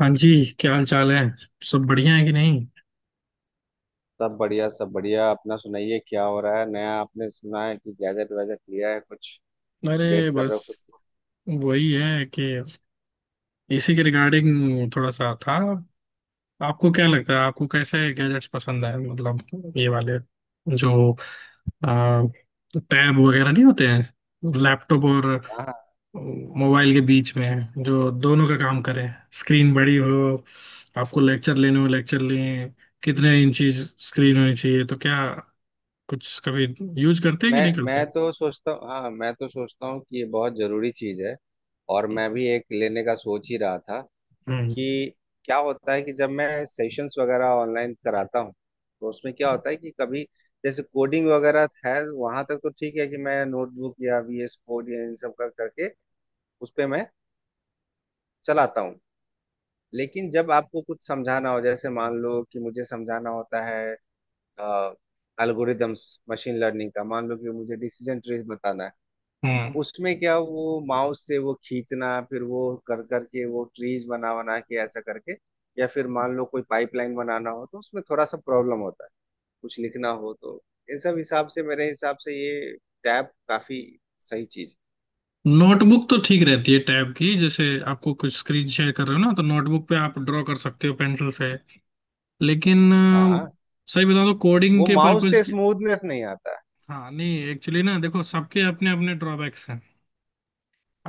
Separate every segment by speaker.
Speaker 1: हाँ जी। क्या हाल चाल है। सब बढ़िया है कि नहीं।
Speaker 2: सब बढ़िया सब बढ़िया। अपना सुनाइए, क्या हो रहा है नया? आपने सुना है कि गैजेट वैजेट लिया है कुछ? डेट
Speaker 1: अरे
Speaker 2: कर रहे हो
Speaker 1: बस
Speaker 2: कुछ?
Speaker 1: वही है कि इसी के रिगार्डिंग थोड़ा सा था। आपको क्या लगता है आपको कैसे गैजेट्स पसंद है मतलब ये वाले जो टैब वगैरह नहीं होते हैं, लैपटॉप और
Speaker 2: हाँ,
Speaker 1: मोबाइल के बीच में जो दोनों का काम करें, स्क्रीन बड़ी हो, आपको लेक्चर लेने हो लेक्चर लें। कितने इंची स्क्रीन होनी चाहिए, तो क्या कुछ कभी यूज करते हैं कि
Speaker 2: मैं
Speaker 1: नहीं करते।
Speaker 2: मैं तो सोचता हूँ, हाँ मैं तो सोचता हूँ कि ये बहुत जरूरी चीज है। और मैं भी एक लेने का सोच ही रहा था
Speaker 1: हम्म।
Speaker 2: कि क्या होता है कि जब मैं सेशंस वगैरह ऑनलाइन कराता हूँ, तो उसमें क्या होता है कि कभी जैसे कोडिंग वगैरह है वहां तक तो ठीक है कि मैं नोटबुक या वीएस कोड या इन सब का करके उस पे मैं चलाता हूँ। लेकिन जब आपको कुछ समझाना हो, जैसे मान लो कि मुझे समझाना होता है एल्गोरिदम्स, मशीन लर्निंग का, मान लो कि मुझे डिसीजन ट्रीज बताना है, तो
Speaker 1: हम्म।
Speaker 2: उसमें क्या वो माउस से वो खींचना, फिर वो कर करके वो ट्रीज बना बना के ऐसा करके या फिर मान लो कोई पाइपलाइन बनाना हो तो उसमें थोड़ा सा प्रॉब्लम होता है। कुछ लिखना हो तो इन सब हिसाब से, मेरे हिसाब से ये टैब काफी सही चीज
Speaker 1: नोटबुक तो ठीक रहती है, टैब की जैसे आपको कुछ स्क्रीन शेयर कर रहे हो ना, तो नोटबुक पे आप ड्रॉ कर सकते हो पेंसिल से। लेकिन
Speaker 2: है। हाँ,
Speaker 1: सही बताऊं तो कोडिंग
Speaker 2: वो
Speaker 1: के
Speaker 2: माउस
Speaker 1: पर्पज
Speaker 2: से
Speaker 1: की।
Speaker 2: स्मूथनेस नहीं आता है।
Speaker 1: हाँ नहीं, एक्चुअली ना देखो सबके अपने अपने ड्रॉबैक्स हैं।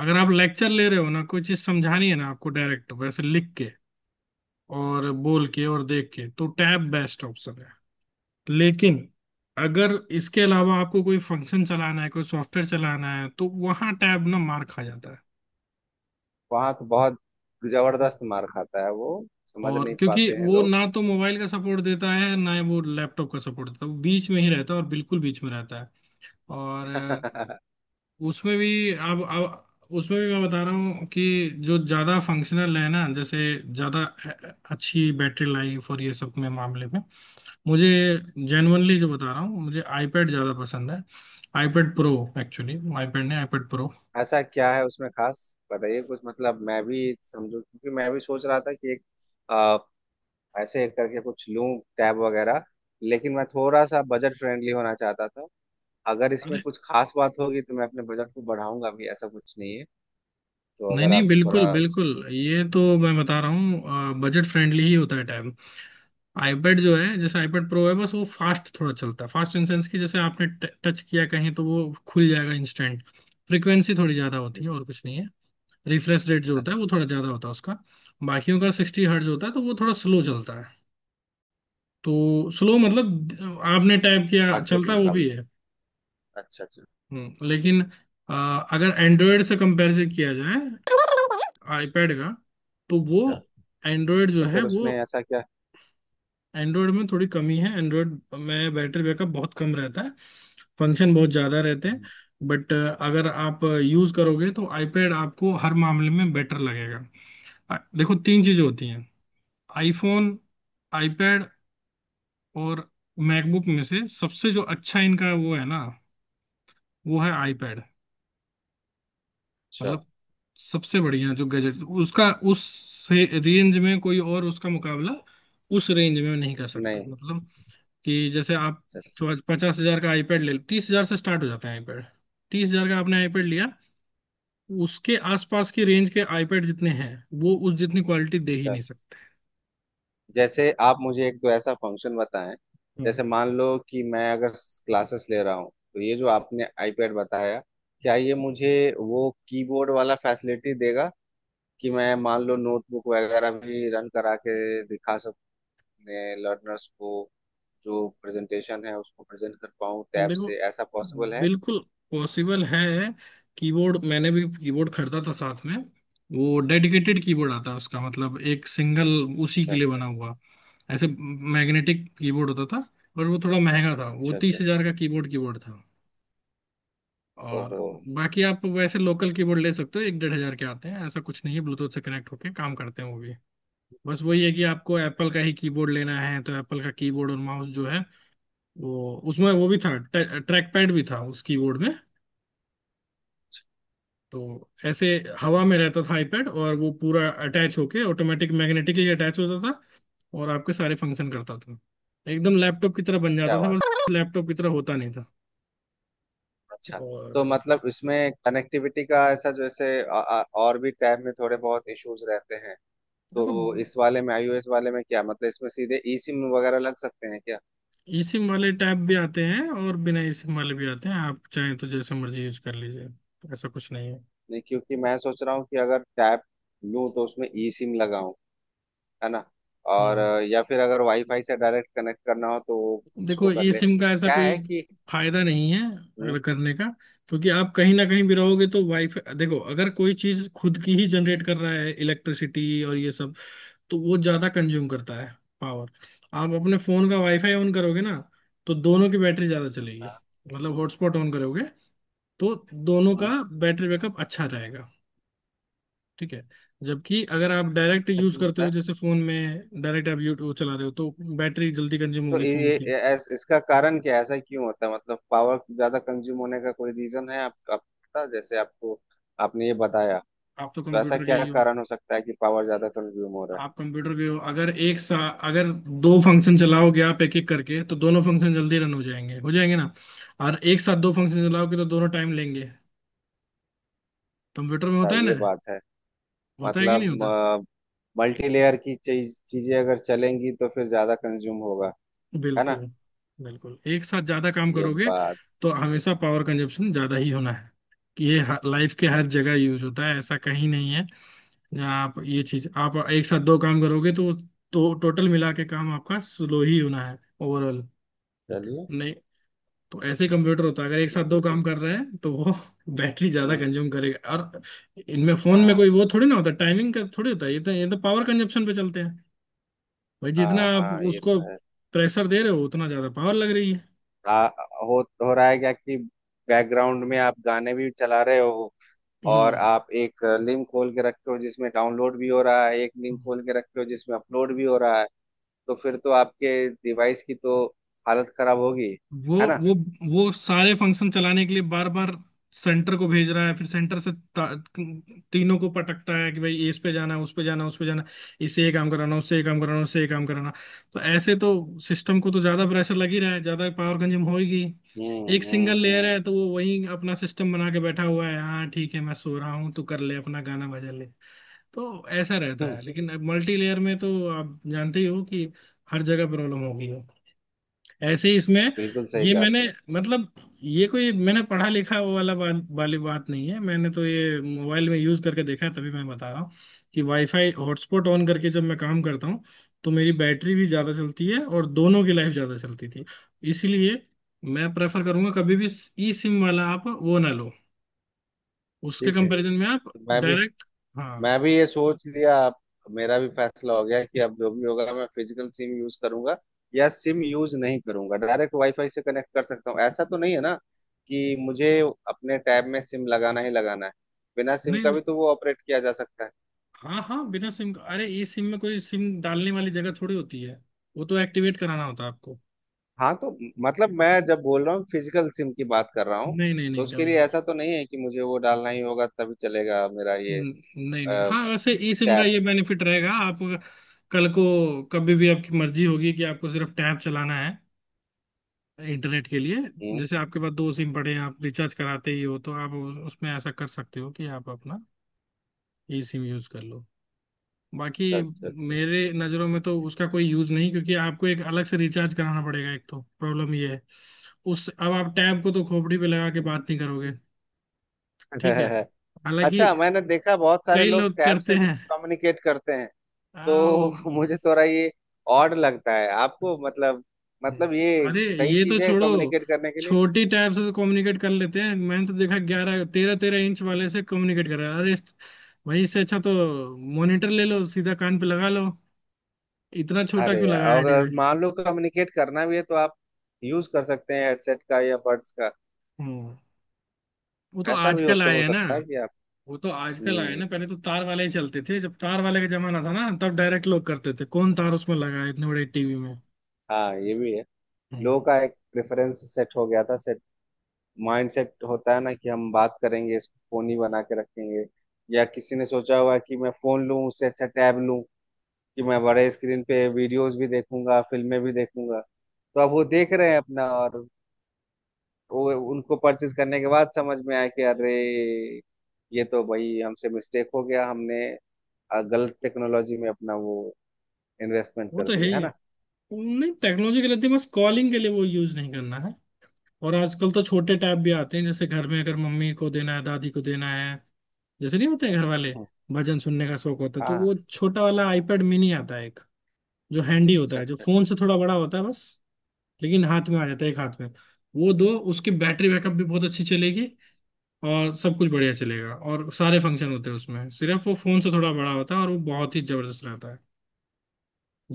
Speaker 1: अगर आप लेक्चर ले रहे हो ना, कोई चीज समझानी है ना आपको डायरेक्ट वैसे लिख के और बोल के और देख के, तो टैब बेस्ट ऑप्शन है। लेकिन अगर इसके अलावा आपको कोई फंक्शन चलाना है, कोई सॉफ्टवेयर चलाना है, तो वहां टैब ना मार खा जाता
Speaker 2: वहां तो बहुत
Speaker 1: है।
Speaker 2: जबरदस्त मार खाता है वो, समझ
Speaker 1: और
Speaker 2: नहीं
Speaker 1: क्योंकि
Speaker 2: पाते हैं
Speaker 1: वो
Speaker 2: लोग।
Speaker 1: ना तो मोबाइल का सपोर्ट देता है ना ही वो लैपटॉप का सपोर्ट देता है, वो बीच में ही रहता है और बिल्कुल बीच में रहता है। और उसमें भी अब उसमें भी मैं बता रहा हूँ कि जो ज़्यादा फंक्शनल है ना, जैसे ज़्यादा अच्छी बैटरी लाइफ और ये सब में मामले में मुझे, जेनुअनली जो बता रहा हूँ, मुझे आईपैड ज़्यादा पसंद है। IPad pro. एक्चुअली आईपैड नहीं, आईपैड प्रो।
Speaker 2: ऐसा क्या है उसमें खास? बताइए कुछ मतलब मैं भी समझू, क्योंकि मैं भी सोच रहा था कि एक आ, ऐसे करके कुछ लूं, टैब वगैरह। लेकिन मैं थोड़ा सा बजट फ्रेंडली होना चाहता था। अगर इसमें
Speaker 1: अरे
Speaker 2: कुछ खास बात होगी तो मैं अपने बजट को बढ़ाऊंगा भी, ऐसा कुछ नहीं है। तो
Speaker 1: नहीं
Speaker 2: अगर
Speaker 1: नहीं,
Speaker 2: आप
Speaker 1: बिल्कुल
Speaker 2: थोड़ा।
Speaker 1: बिल्कुल, ये तो मैं बता रहा हूँ बजट फ्रेंडली ही होता है। आईपैड जो है, जैसे आईपैड प्रो है, बस वो फास्ट थोड़ा चलता है। फास्ट इन सेंस की जैसे आपने टच किया कहीं तो वो खुल जाएगा इंस्टेंट। फ्रीक्वेंसी थोड़ी ज्यादा होती है और कुछ नहीं है। रिफ्रेश रेट जो होता है
Speaker 2: अच्छा।
Speaker 1: वो थोड़ा ज्यादा होता है उसका। बाकियों का 60 Hz होता है तो वो थोड़ा स्लो चलता है। तो स्लो मतलब आपने टाइप किया,
Speaker 2: बाकियों के
Speaker 1: चलता वो
Speaker 2: मुकाबले।
Speaker 1: भी है।
Speaker 2: अच्छा अच्छा
Speaker 1: हम्म। लेकिन अ, अगर एंड्रॉयड से कंपेरिजन किया जाए आईपैड का तो वो
Speaker 2: अच्छा।
Speaker 1: एंड्रॉयड जो
Speaker 2: तो
Speaker 1: है
Speaker 2: फिर
Speaker 1: वो,
Speaker 2: उसमें ऐसा क्या?
Speaker 1: एंड्रॉयड में थोड़ी कमी है। एंड्रॉयड में बैटरी बैकअप बहुत कम रहता है, फंक्शन बहुत ज्यादा रहते हैं।
Speaker 2: हम्म।
Speaker 1: बट अगर आप यूज करोगे तो आईपैड आपको हर मामले में बेटर लगेगा। देखो तीन चीजें होती हैं, आईफोन, आईपैड और मैकबुक। में से सबसे जो अच्छा इनका वो है ना, वो है आईपैड।
Speaker 2: अच्छा।
Speaker 1: मतलब सबसे बढ़िया जो गैजेट उसका, उस से रेंज में कोई और उसका मुकाबला उस रेंज में नहीं कर सकता।
Speaker 2: नहीं।
Speaker 1: मतलब कि जैसे आप
Speaker 2: अच्छा अच्छा अच्छा।
Speaker 1: 50,000 का आईपैड ले, 30,000 से स्टार्ट हो जाता है आईपैड। 30,000 का आपने आईपैड लिया, उसके आसपास की रेंज के आईपैड जितने हैं वो उस जितनी क्वालिटी दे ही नहीं सकते।
Speaker 2: जैसे आप मुझे एक तो ऐसा फंक्शन बताएं,
Speaker 1: हम्म।
Speaker 2: जैसे मान लो कि मैं अगर क्लासेस ले रहा हूँ, तो ये जो आपने आईपैड बताया, क्या ये मुझे वो कीबोर्ड वाला फैसिलिटी देगा कि मैं मान लो नोटबुक वगैरह भी रन करा के दिखा सकूँ अपने लर्नर्स को, जो प्रेजेंटेशन है उसको प्रेजेंट कर पाऊँ टैब
Speaker 1: देखो,
Speaker 2: से? ऐसा पॉसिबल है?
Speaker 1: बिल्कुल पॉसिबल है। कीबोर्ड, मैंने भी कीबोर्ड खरीदा था साथ में। वो डेडिकेटेड कीबोर्ड आता है उसका, मतलब एक सिंगल उसी के लिए बना हुआ, ऐसे मैग्नेटिक कीबोर्ड होता था। और वो थोड़ा महंगा था, वो
Speaker 2: अच्छा अच्छा।
Speaker 1: 30,000 का कीबोर्ड कीबोर्ड था। और
Speaker 2: ओहो,
Speaker 1: बाकी आप वैसे लोकल कीबोर्ड ले सकते हो, एक 1,500 के आते हैं, ऐसा कुछ नहीं है। ब्लूटूथ से कनेक्ट होके काम करते हैं वो भी। बस वही है कि आपको एप्पल का ही कीबोर्ड लेना है तो एप्पल का कीबोर्ड और माउस जो है वो, उसमें वो भी था। ट्रैक पैड भी था उस कीबोर्ड में। तो ऐसे हवा में रहता था आईपैड, और वो पूरा अटैच होके ऑटोमेटिक मैग्नेटिकली अटैच होता था और आपके सारे फंक्शन करता था। एकदम लैपटॉप की तरह बन
Speaker 2: क्या
Speaker 1: जाता था,
Speaker 2: बात
Speaker 1: बस लैपटॉप की तरह होता नहीं था।
Speaker 2: है। अच्छा, तो
Speaker 1: और
Speaker 2: मतलब इसमें कनेक्टिविटी का ऐसा, जैसे और भी टैब में थोड़े बहुत इश्यूज रहते हैं,
Speaker 1: देखो,
Speaker 2: तो इस वाले में, आईओएस वाले में क्या, मतलब इसमें सीधे ई सिम वगैरह लग सकते हैं क्या?
Speaker 1: ई सिम वाले टैब भी आते हैं और बिना ई सिम वाले भी आते हैं, आप चाहें तो जैसे मर्जी यूज कर लीजिए। ऐसा कुछ नहीं है।
Speaker 2: नहीं, क्योंकि मैं सोच रहा हूँ कि अगर टैब लूँ तो उसमें ई सिम लगाऊं, है ना? और
Speaker 1: हम्म।
Speaker 2: या फिर अगर वाईफाई से डायरेक्ट कनेक्ट करना हो तो उसको
Speaker 1: देखो
Speaker 2: कर
Speaker 1: ई
Speaker 2: ले,
Speaker 1: सिम का ऐसा
Speaker 2: क्या
Speaker 1: कोई
Speaker 2: है कि।
Speaker 1: फायदा नहीं है
Speaker 2: हम्म।
Speaker 1: अगर करने का, क्योंकि आप कहीं ना कहीं भी रहोगे तो वाईफाई, देखो अगर कोई चीज खुद की ही जनरेट कर रहा है इलेक्ट्रिसिटी और ये सब, तो वो ज्यादा कंज्यूम करता है पावर। आप अपने फोन का वाईफाई ऑन करोगे ना, तो दोनों की बैटरी ज्यादा चलेगी।
Speaker 2: हाँ।
Speaker 1: मतलब हॉटस्पॉट ऑन करोगे तो दोनों का
Speaker 2: हम्म।
Speaker 1: बैटरी बैकअप अच्छा रहेगा। ठीक है। जबकि अगर आप डायरेक्ट
Speaker 2: ऐसा
Speaker 1: यूज
Speaker 2: क्यों
Speaker 1: करते
Speaker 2: होता
Speaker 1: हो,
Speaker 2: है?
Speaker 1: जैसे फोन में डायरेक्ट आप यूट्यूब चला रहे हो तो बैटरी जल्दी कंज्यूम
Speaker 2: तो
Speaker 1: होगी फोन की।
Speaker 2: इसका कारण क्या है, ऐसा क्यों होता है, मतलब पावर ज्यादा कंज्यूम होने का कोई रीजन है? आपका जैसे आपको, आपने ये बताया,
Speaker 1: आप तो
Speaker 2: तो ऐसा
Speaker 1: कंप्यूटर के
Speaker 2: क्या
Speaker 1: ही हो।
Speaker 2: कारण हो सकता है कि पावर ज्यादा कंज्यूम हो रहा है?
Speaker 1: आप कंप्यूटर के हो, अगर एक सा, अगर दो फंक्शन चलाओगे आप एक एक करके तो दोनों फंक्शन जल्दी रन हो जाएंगे, हो जाएंगे ना। और एक साथ दो फंक्शन चलाओगे तो दोनों टाइम लेंगे। कंप्यूटर में
Speaker 2: हाँ,
Speaker 1: होता है
Speaker 2: ये
Speaker 1: ना,
Speaker 2: बात है।
Speaker 1: होता है कि नहीं
Speaker 2: मतलब
Speaker 1: होता।
Speaker 2: मल्टी लेयर की चीजें अगर चलेंगी तो फिर ज्यादा कंज्यूम होगा, है ना?
Speaker 1: बिल्कुल। बिल्कुल एक साथ ज्यादा काम
Speaker 2: ये
Speaker 1: करोगे
Speaker 2: बात।
Speaker 1: तो हमेशा पावर कंजप्शन ज्यादा ही होना है। कि ये लाइफ के हर जगह यूज होता है, ऐसा कहीं नहीं है। जहाँ आप ये चीज आप एक साथ दो काम करोगे तो टोटल मिला के काम आपका स्लो ही होना है ओवरऑल।
Speaker 2: चलिए।
Speaker 1: नहीं तो ऐसे, कंप्यूटर होता है, अगर एक साथ
Speaker 2: ये भी
Speaker 1: दो काम
Speaker 2: सही।
Speaker 1: कर रहे हैं तो वो बैटरी ज्यादा
Speaker 2: हम्म।
Speaker 1: कंज्यूम करेगा। और इनमें फोन में
Speaker 2: हाँ
Speaker 1: कोई वो थोड़ी ना होता, टाइमिंग का थोड़ी होता है, ये तो पावर कंजप्शन पे चलते हैं भाई। जितना
Speaker 2: हाँ,
Speaker 1: आप
Speaker 2: हाँ ये
Speaker 1: उसको
Speaker 2: तो है।
Speaker 1: प्रेशर दे रहे हो उतना ज्यादा पावर लग रही है।
Speaker 2: आ, हो रहा है क्या कि बैकग्राउंड में आप गाने भी चला रहे हो, और आप एक लिंक खोल के रखे हो जिसमें डाउनलोड भी हो रहा है, एक लिंक
Speaker 1: हम्म।
Speaker 2: खोल के रखे हो जिसमें अपलोड भी हो रहा है, तो फिर तो आपके डिवाइस की तो हालत खराब होगी,
Speaker 1: वो
Speaker 2: है ना?
Speaker 1: वो वो सारे फंक्शन चलाने के लिए बार बार सेंटर को भेज रहा है, फिर सेंटर से तीनों को पटकता है कि भाई इस पे जाना है, उस पे जाना है, उस पे जाना, इसे ये काम कराना, उससे ये काम कराना, उससे ये काम कराना। तो ऐसे तो सिस्टम को तो ज्यादा प्रेशर लग ही रहा है, ज्यादा पावर कंज्यूम होगी। एक सिंगल लेयर
Speaker 2: हम्म।
Speaker 1: है तो वो वही अपना सिस्टम बना के बैठा हुआ है, हाँ ठीक है मैं सो रहा हूँ, तू कर ले अपना गाना बजा ले। तो ऐसा रहता
Speaker 2: हम्म।
Speaker 1: है, लेकिन मल्टी लेयर में तो आप जानते ही हो कि हर जगह प्रॉब्लम होगी। ऐसे ही इसमें
Speaker 2: बिल्कुल सही
Speaker 1: ये,
Speaker 2: कहा
Speaker 1: मैंने
Speaker 2: आपने।
Speaker 1: मतलब ये कोई मैंने पढ़ा लिखा वो वाला वाली बात नहीं है, मैंने तो ये मोबाइल में यूज करके देखा है, तभी मैं बता रहा हूँ कि वाईफाई हॉटस्पॉट ऑन करके जब मैं काम करता हूँ तो मेरी बैटरी भी ज्यादा चलती है और दोनों की लाइफ ज्यादा चलती थी। इसलिए मैं प्रेफर करूंगा कभी भी ई सिम वाला आप वो ना लो, उसके
Speaker 2: ठीक है,
Speaker 1: कंपैरिजन में आप
Speaker 2: तो मैं भी,
Speaker 1: डायरेक्ट। हाँ।
Speaker 2: मैं भी ये सोच लिया अब। मेरा भी फैसला हो गया कि अब जो भी होगा मैं फिजिकल सिम यूज करूंगा, या सिम यूज नहीं करूंगा, डायरेक्ट वाईफाई से कनेक्ट कर सकता हूँ। ऐसा तो नहीं है ना कि मुझे अपने टैब में सिम लगाना ही लगाना है? बिना सिम
Speaker 1: नहीं
Speaker 2: का
Speaker 1: नहीं।
Speaker 2: भी तो वो ऑपरेट किया जा सकता है।
Speaker 1: हाँ हाँ, बिना सिम का, अरे ई सिम में कोई सिम डालने वाली जगह थोड़ी होती है, वो तो एक्टिवेट कराना होता है आपको।
Speaker 2: हाँ, तो मतलब मैं जब बोल रहा हूँ फिजिकल सिम की बात कर रहा हूँ,
Speaker 1: नहीं नहीं
Speaker 2: तो
Speaker 1: नहीं,
Speaker 2: उसके
Speaker 1: कभी
Speaker 2: लिए
Speaker 1: नहीं।
Speaker 2: ऐसा तो नहीं है कि मुझे वो डालना ही होगा तभी चलेगा मेरा ये
Speaker 1: न- नहीं नहीं, हाँ वैसे ई सिम का
Speaker 2: टैब?
Speaker 1: ये बेनिफिट रहेगा आप, कल को कभी भी आपकी मर्जी होगी कि आपको सिर्फ टैब चलाना है इंटरनेट के लिए,
Speaker 2: हम्म।
Speaker 1: जैसे आपके पास दो सिम पड़े हैं आप रिचार्ज कराते ही हो, तो आप उसमें ऐसा कर सकते हो कि आप अपना ई सिम यूज कर लो। बाकी
Speaker 2: अच्छा अच्छा।
Speaker 1: मेरे नज़रों में तो उसका कोई यूज नहीं, क्योंकि आपको एक अलग से रिचार्ज कराना पड़ेगा, एक तो प्रॉब्लम ये है उस, अब आप टैब को तो खोपड़ी पे लगा के बात नहीं करोगे। ठीक है।
Speaker 2: अच्छा।
Speaker 1: हालांकि
Speaker 2: अच्छा, मैंने देखा बहुत सारे
Speaker 1: कई
Speaker 2: लोग
Speaker 1: लोग
Speaker 2: टैब
Speaker 1: करते
Speaker 2: से भी
Speaker 1: हैं।
Speaker 2: कम्युनिकेट करते हैं,
Speaker 1: आओ।
Speaker 2: तो मुझे थोड़ा ये ऑड लगता है। आपको मतलब, मतलब ये
Speaker 1: अरे
Speaker 2: सही
Speaker 1: ये तो
Speaker 2: चीज है
Speaker 1: छोड़ो,
Speaker 2: कम्युनिकेट करने के लिए?
Speaker 1: छोटी टैब से तो कम्युनिकेट कर लेते हैं, मैंने तो देखा 11 तेरह तेरह इंच वाले से कम्युनिकेट कर रहा है। अरे वही इससे अच्छा तो मॉनिटर ले लो, सीधा कान पे लगा लो। इतना छोटा
Speaker 2: अरे
Speaker 1: क्यों
Speaker 2: यार,
Speaker 1: लगाया है
Speaker 2: अगर
Speaker 1: डिवाइस।
Speaker 2: मान लो कम्युनिकेट करना भी है तो आप यूज कर सकते हैं हेडसेट का या बड्स का।
Speaker 1: हम्म। वो तो
Speaker 2: ऐसा भी हो
Speaker 1: आजकल
Speaker 2: तो
Speaker 1: आए
Speaker 2: हो
Speaker 1: हैं ना।
Speaker 2: सकता है कि आप।
Speaker 1: वो तो आजकल आए हैं
Speaker 2: हम्म।
Speaker 1: ना, पहले तो तार वाले ही चलते थे, जब तार वाले का जमाना था ना तब डायरेक्ट लोग करते थे, कौन तार उसमें लगा है इतने बड़े टीवी में।
Speaker 2: हाँ, ये भी है।
Speaker 1: हम्म।
Speaker 2: लोगों का एक प्रेफरेंस सेट हो गया था, सेट माइंड सेट होता है ना कि हम बात करेंगे, इसको फोन ही बना के रखेंगे। या किसी ने सोचा हुआ है कि मैं फोन लूं, उससे अच्छा टैब लूं कि मैं बड़े स्क्रीन पे वीडियोस भी देखूंगा, फिल्में भी देखूंगा। तो अब वो देख रहे हैं अपना, और वो उनको परचेज करने के बाद समझ में आया कि अरे, ये तो भाई हमसे मिस्टेक हो गया, हमने गलत टेक्नोलॉजी में अपना वो इन्वेस्टमेंट
Speaker 1: वो
Speaker 2: कर
Speaker 1: तो है
Speaker 2: दिया
Speaker 1: ही
Speaker 2: है,
Speaker 1: है।
Speaker 2: ना।
Speaker 1: नहीं टेक्नोलॉजी के लिए तो, बस कॉलिंग के लिए वो यूज नहीं करना है। और आजकल तो छोटे टैब भी आते हैं, जैसे घर में अगर मम्मी को देना है, दादी को देना है, जैसे नहीं होते हैं घर वाले,
Speaker 2: हम्म।
Speaker 1: भजन सुनने का शौक होता है, तो
Speaker 2: हाँ।
Speaker 1: वो छोटा वाला आईपैड मिनी आता है एक, जो हैंडी होता
Speaker 2: अच्छा
Speaker 1: है, जो
Speaker 2: अच्छा
Speaker 1: फोन
Speaker 2: अच्छा।
Speaker 1: से थोड़ा बड़ा होता है बस। लेकिन हाथ में आ जाता है एक हाथ में वो दो। उसकी बैटरी बैकअप भी बहुत अच्छी चलेगी और सब कुछ बढ़िया चलेगा, और सारे फंक्शन होते हैं उसमें, सिर्फ वो फोन से थोड़ा बड़ा होता है और वो बहुत ही जबरदस्त रहता है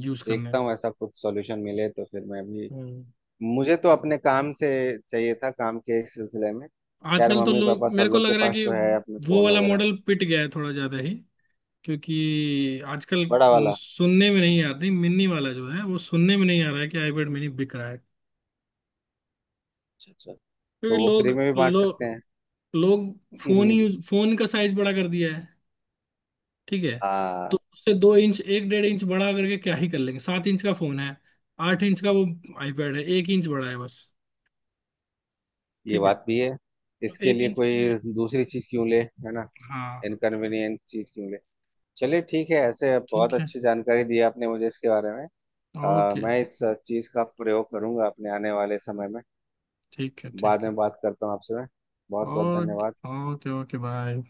Speaker 1: यूज करने
Speaker 2: देखता हूँ
Speaker 1: में।
Speaker 2: ऐसा कुछ सॉल्यूशन मिले तो फिर मैं भी।
Speaker 1: हम्म।
Speaker 2: मुझे तो अपने काम से चाहिए था, काम के इस सिलसिले में। यार
Speaker 1: आजकल तो
Speaker 2: मम्मी
Speaker 1: लोग,
Speaker 2: पापा सब
Speaker 1: मेरे को
Speaker 2: लोग के
Speaker 1: लग रहा है
Speaker 2: पास
Speaker 1: कि
Speaker 2: तो है अपने
Speaker 1: वो
Speaker 2: फोन
Speaker 1: वाला
Speaker 2: वगैरह।
Speaker 1: मॉडल पिट गया है थोड़ा ज्यादा ही, क्योंकि आजकल
Speaker 2: बड़ा वाला।
Speaker 1: सुनने में नहीं आ रही, मिनी वाला जो है वो सुनने में नहीं आ रहा है कि आईपैड मिनी बिक रहा है।
Speaker 2: अच्छा अच्छा।
Speaker 1: क्योंकि
Speaker 2: तो वो
Speaker 1: लोग,
Speaker 2: फ्री में भी बांट सकते
Speaker 1: लोग
Speaker 2: हैं।
Speaker 1: लोग फोन
Speaker 2: हम्म।
Speaker 1: ही, फोन का साइज बड़ा कर दिया है। ठीक है।
Speaker 2: हाँ,
Speaker 1: तो उससे 2 इंच, एक 1.5 इंच बड़ा करके क्या ही कर लेंगे, 7 इंच का फोन है, 8 इंच का वो आईपैड है, 1 इंच बड़ा है बस।
Speaker 2: ये
Speaker 1: ठीक है।
Speaker 2: बात भी है।
Speaker 1: तो
Speaker 2: इसके
Speaker 1: एक
Speaker 2: लिए
Speaker 1: इंच के लिए।
Speaker 2: कोई दूसरी चीज क्यों ले, है ना?
Speaker 1: हाँ।
Speaker 2: इनकन्वीनियंट चीज क्यों ले। चलिए ठीक है, ऐसे बहुत
Speaker 1: ठीक है।
Speaker 2: अच्छी जानकारी दी आपने मुझे इसके बारे में।
Speaker 1: ओके।
Speaker 2: मैं इस चीज का प्रयोग करूंगा अपने आने वाले समय में।
Speaker 1: ठीक है
Speaker 2: बाद
Speaker 1: ठीक है।
Speaker 2: में बात करता हूँ आपसे मैं। बहुत बहुत
Speaker 1: ओके
Speaker 2: धन्यवाद।
Speaker 1: Okay okay, bye.